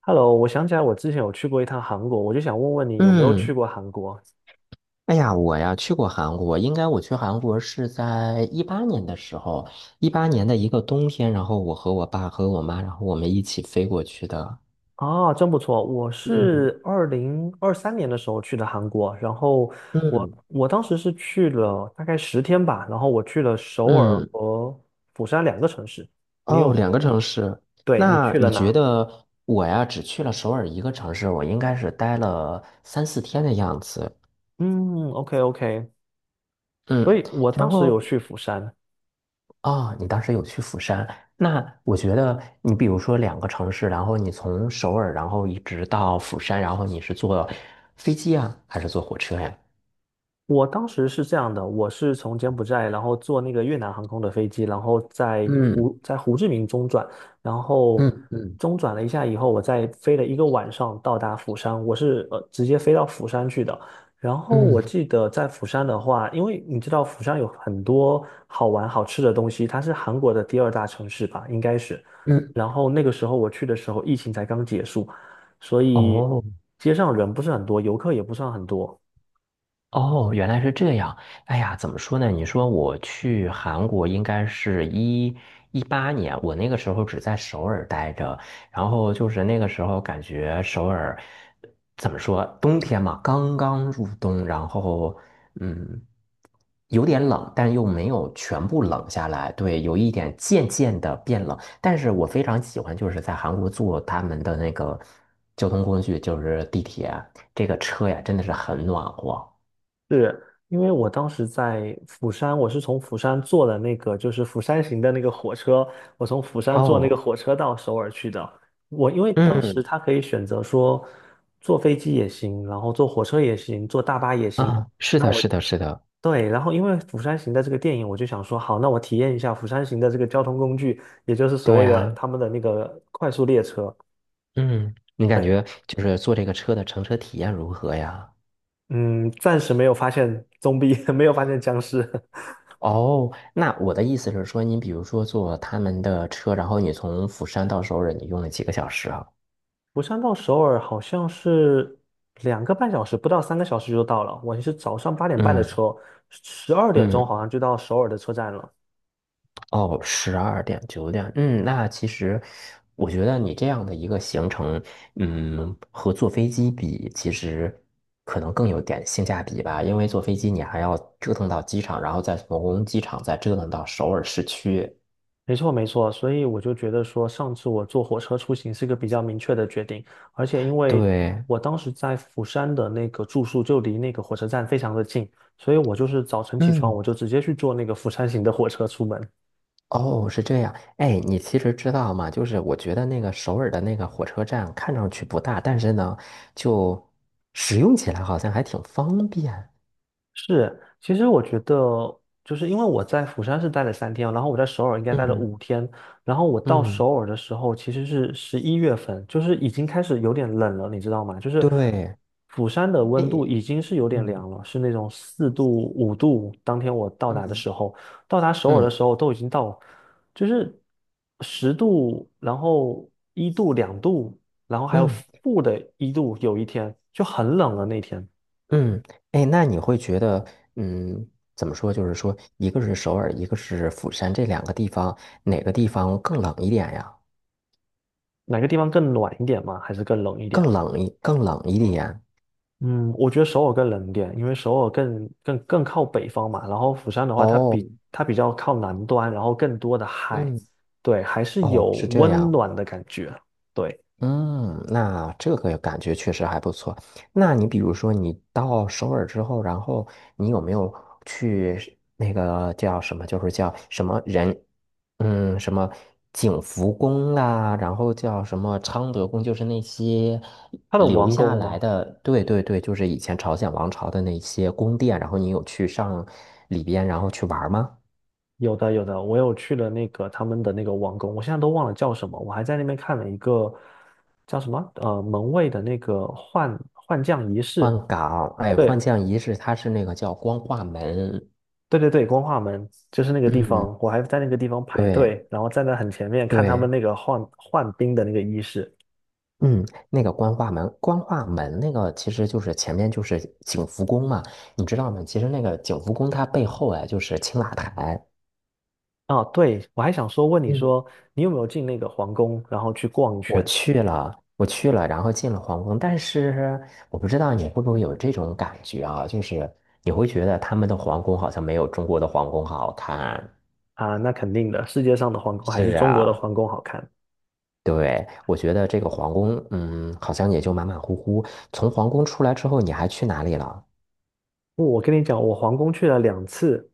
Hello，我想起来我之前有去过一趟韩国，我就想问问你有没有去嗯，过韩国哎呀，我呀去过韩国，应该我去韩国是在一八年的时候，一八年的一个冬天，然后我和我爸和我妈，然后我们一起飞过去的。啊？真不错，我嗯是2023年的时候去的韩国，然后我嗯我当时是去了大概10天吧，然后我去了首尔嗯。和釜山两个城市。你哦，有，两个城市。对，你那去了你觉哪？得我呀只去了首尔一个城市，我应该是待了3、4天的样子。嗯，OK OK，所嗯，以我然当时有后去釜山，你当时有去釜山，那我觉得你比如说两个城市，然后你从首尔，然后一直到釜山，然后你是坐飞机啊，还是坐火车呀？我当时是这样的，我是从柬埔寨，然后坐那个越南航空的飞机，然后在嗯胡志明中转，然后嗯嗯中转了一下以后，我再飞了一个晚上到达釜山，我是直接飞到釜山去的。然后我嗯记得在釜山的话，因为你知道釜山有很多好玩好吃的东西，它是韩国的第二大城市吧，应该是。嗯。然后那个时候我去的时候，疫情才刚结束，所以哦。街上人不是很多，游客也不算很多。哦，原来是这样。哎呀，怎么说呢？你说我去韩国应该是一八年，我那个时候只在首尔待着，然后就是那个时候感觉首尔怎么说，冬天嘛，刚刚入冬，然后嗯，有点冷，但又没有全部冷下来，对，有一点渐渐的变冷。但是我非常喜欢就是在韩国坐他们的那个交通工具，就是地铁，这个车呀，真的是很暖和。是，因为我当时在釜山，我是从釜山坐的那个就是釜山行的那个火车，我从釜山坐那个哦。火车到首尔去的。我因为当时嗯。他可以选择说坐飞机也行，然后坐火车也行，坐大巴也行。啊，是那的，我是的，是的，对，然后因为釜山行的这个电影，我就想说，好，那我体验一下釜山行的这个交通工具，也就是所对谓的啊。他们的那个快速列车。嗯，你感对，觉就是坐这个车的乘车体验如何呀？嗯，暂时没有发现 没有发现僵尸。哦，那我的意思是说，你比如说坐他们的车，然后你从釜山到首尔，你用了几个小时啊？釜山到首尔好像是2个半小时，不到3个小时就到了。我是早上8点半的嗯车，十二点嗯。钟好像就到首尔的车站了。哦，十二点九点，嗯，那其实我觉得你这样的一个行程，嗯，和坐飞机比，其实可能更有点性价比吧，因为坐飞机你还要折腾到机场，然后再从机场再折腾到首尔市区。没错，没错。所以我就觉得说，上次我坐火车出行是个比较明确的决定，而且因为对。我当时在釜山的那个住宿就离那个火车站非常的近，所以我就是早晨起床，我嗯。就直接去坐那个釜山行的火车出门。哦，是这样。哎，你其实知道吗？就是我觉得那个首尔的那个火车站看上去不大，但是呢，就使用起来好像还挺方便。是，其实我觉得，就是因为我在釜山是待了3天，然后我在首尔应该待了嗯五天，然后我到嗯，首尔的时候其实是11月份，就是已经开始有点冷了，你知道吗？就是对。釜山的哎。温度已经是有点嗯凉了，是那种4度5度。当天我到达的嗯时候，到达首尔的嗯时候都已经到，就是10度，然后一度2度，然后还有嗯-1度，有一天就很冷了那天。嗯。哎，那你会觉得，嗯，怎么说？就是说，一个是首尔，一个是釜山，这两个地方，哪个地方更冷一点呀？哪个地方更暖一点吗？还是更冷一点？更冷一点。嗯，我觉得首尔更冷一点，因为首尔更靠北方嘛。然后釜山的话，它哦。比它比较靠南端，然后更多的海，嗯。对，还是哦，有是这温样。暖的感觉。对，嗯，那这个感觉确实还不错。那你比如说，你到首尔之后，然后你有没有去那个叫什么，就是叫什么人，什么景福宫啦，然后叫什么昌德宫，就是那些它的留王下宫来吗？的，对对对，就是以前朝鲜王朝的那些宫殿，然后你有去上里边，然后去玩吗？有的有的，我有去了那个他们的那个王宫，我现在都忘了叫什么，我还在那边看了一个叫什么门卫的那个换将仪式。换岗，哎，对，换将仪式，它是那个叫光化门。对对对，光化门就是那个地嗯，方，我还在那个地方排对队，然后站在很前面看他们对。那个换兵的那个仪式。嗯，那个光化门，光化门那个其实就是前面就是景福宫嘛，你知道吗？其实那个景福宫它背后啊就是青瓦台。啊，对，我还想说问你嗯，说，你有没有进那个皇宫，然后去逛一我圈去了，我去了，然后进了皇宫，但是我不知道你会不会有这种感觉啊，就是你会觉得他们的皇宫好像没有中国的皇宫好看。啊？那肯定的，世界上的皇宫还是是中国的啊，皇宫好看。对，我觉得这个皇宫，嗯，好像也就马马虎虎。从皇宫出来之后，你还去哪里了？我跟你讲，我皇宫去了2次，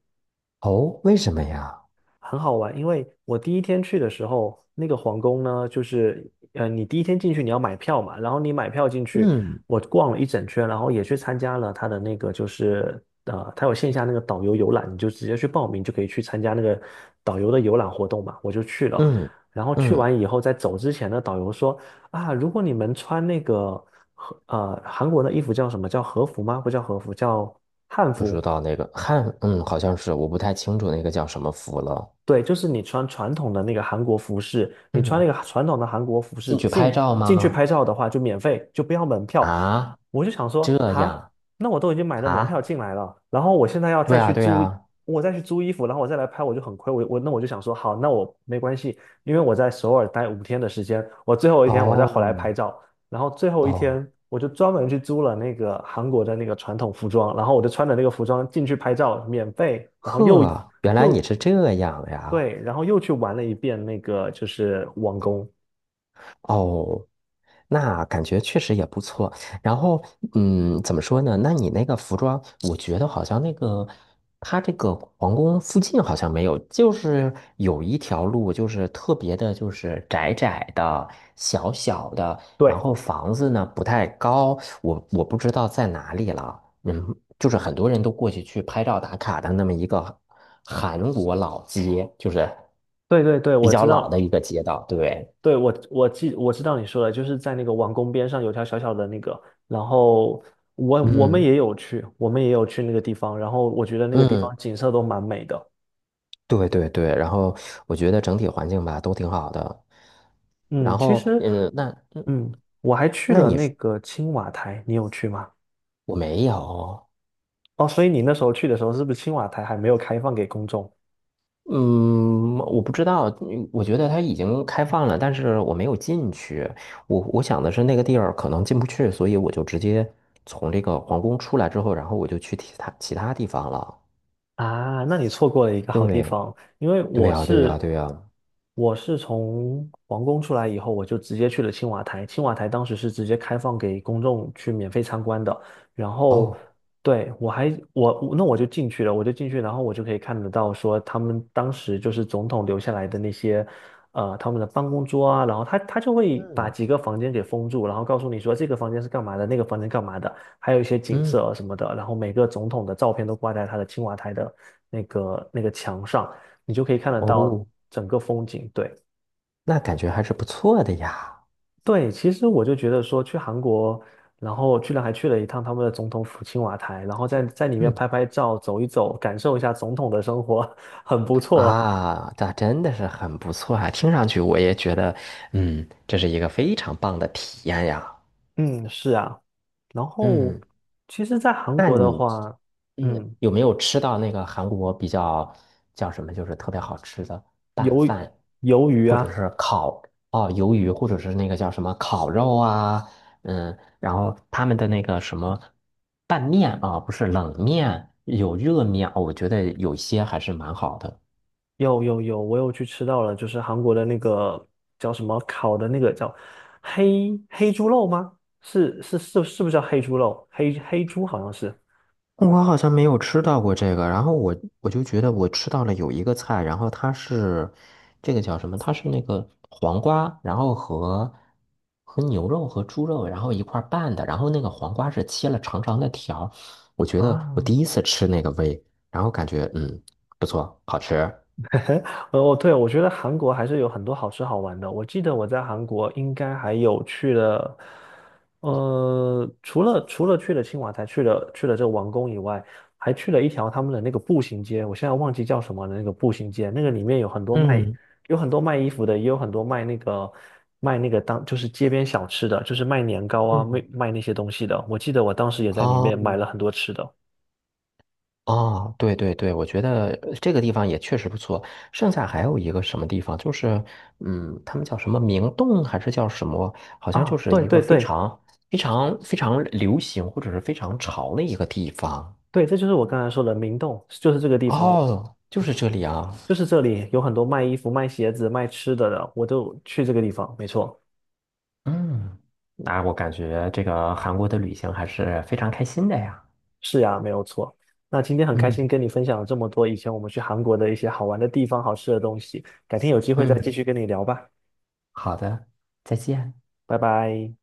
哦，为什么呀？很好玩，因为我第一天去的时候，那个皇宫呢，就是你第一天进去你要买票嘛，然后你买票进去，嗯。我逛了一整圈，然后也去参加了他的那个就是他有线下那个导游游览，你就直接去报名就可以去参加那个导游的游览活动嘛，我就去了。嗯然后去嗯，完以后，在走之前呢，导游说啊，如果你们穿那个和韩国的衣服叫什么叫和服吗？不叫和服，叫汉不知服。道那个汉，嗯，好像是，我不太清楚那个叫什么服了。对，就是你穿传统的那个韩国服饰，你穿嗯，那个传统的韩国服饰进去拍进照进去吗？拍照的话，就免费，就不要门票。啊，我就想说，这哈，样那我都已经买了门票啊？进来了，然后我现在要对再呀去对租，呀。我再去租衣服，然后我再来拍，我就很亏。那我就想说，好，那我没关系，因为我在首尔待五天的时间，我最后一天我再哦回来拍照，然后最后一哦，天我就专门去租了那个韩国的那个传统服装，然后我就穿着那个服装进去拍照，免费，然后呵，原来你又是这样呀。对，然后又去玩了一遍那个就是王宫，哦，那感觉确实也不错。然后，嗯，怎么说呢？那你那个服装，我觉得好像那个，它这个皇宫附近好像没有，就是有一条路，就是特别的，就是窄窄的、小小的，然对后房子呢不太高，我不知道在哪里了。嗯，就是很多人都过去去拍照打卡的那么一个韩国老街，就是对对对，比我较知老道，的一个街道，对。对，我知道你说的，就是在那个王宫边上有条小小的那个，然后我们嗯。也有去，我们也有去那个地方，然后我觉得那个地方嗯，景色都蛮美的。对对对，然后我觉得整体环境吧都挺好的，嗯，然其后实嗯，那嗯，嗯，我还去那了你那是个青瓦台，你有去吗？我没有，哦，所以你那时候去的时候，是不是青瓦台还没有开放给公众？嗯，我不知道，嗯我觉得它已经开放了，但是我没有进去，我想的是那个地儿可能进不去，所以我就直接从这个皇宫出来之后，然后我就去其他地方了。啊，那你错过了一个好地对，方，因为对我呀，对呀，是对呀。我是从皇宫出来以后，我就直接去了青瓦台。青瓦台当时是直接开放给公众去免费参观的，然后哦。对，我就进去了，我就进去，然后我就可以看得到说他们当时就是总统留下来的那些他们的办公桌啊，然后他就会把嗯几个房间给封住，然后告诉你说这个房间是干嘛的，那个房间干嘛的。还有一些景色嗯。啊什么的，然后每个总统的照片都挂在他的青瓦台的那个墙上，你就可以看得到哦，整个风景。对那感觉还是不错的呀。对，其实我就觉得说去韩国，然后居然还去了一趟他们的总统府青瓦台，然后在里面拍嗯。拍照、走一走，感受一下总统的生活，很不错。啊，那真的是很不错啊！听上去我也觉得，嗯，这是一个非常棒的体验呀。嗯，是啊。然后，嗯，其实，在韩那国的你，话，嗯，嗯，有没有吃到那个韩国比较叫什么，就是特别好吃的拌鱿饭，鱿鱼或者啊，是烤哦鱿鱼，或者是那个叫什么烤肉啊？嗯，然后他们的那个什么拌面啊，不是冷面，有热面哦我觉得有些还是蛮好的。有有有，我有去吃到了，就是韩国的那个叫什么烤的那个叫黑猪肉吗？是是是，是不是叫黑猪肉？黑猪好像是我好像没有吃到过这个，然后我就觉得我吃到了有一个菜，然后它是这个叫什么？它是那个黄瓜，然后和和牛肉和猪肉，然后一块儿拌的，然后那个黄瓜是切了长长的条儿我觉得我第啊，一次吃那个味，然后感觉嗯不错，好吃。哦，对，我觉得韩国还是有很多好吃好玩的。我记得我在韩国应该还有去了，除了去了青瓦台，去了这个王宫以外，还去了一条他们的那个步行街，我现在忘记叫什么了，那个步行街，那个里面有很多卖嗯衣服的，也有很多卖那个就是街边小吃的，就是卖年糕啊，卖嗯。卖那些东西的。我记得我当时也在里哦。面买了很多吃的。哦，对对对，我觉得呃这个地方也确实不错。剩下还有一个什么地方，就是嗯，他们叫什么明洞还是叫什么？好像就啊，是对一对个非对常非常非常流行或者是非常潮的一个地方。对，这就是我刚才说的明洞，就是这个地方。哦，就是这里啊。就是这里有很多卖衣服、卖鞋子、卖吃的的，我都去这个地方。没错，嗯，那我感觉这个韩国的旅行还是非常开心的呀。是呀，没有错。那今天很开心嗯跟你分享了这么多以前我们去韩国的一些好玩的地方、好吃的东西，改天有机会再继嗯，续跟你聊吧，好的，再见。拜拜。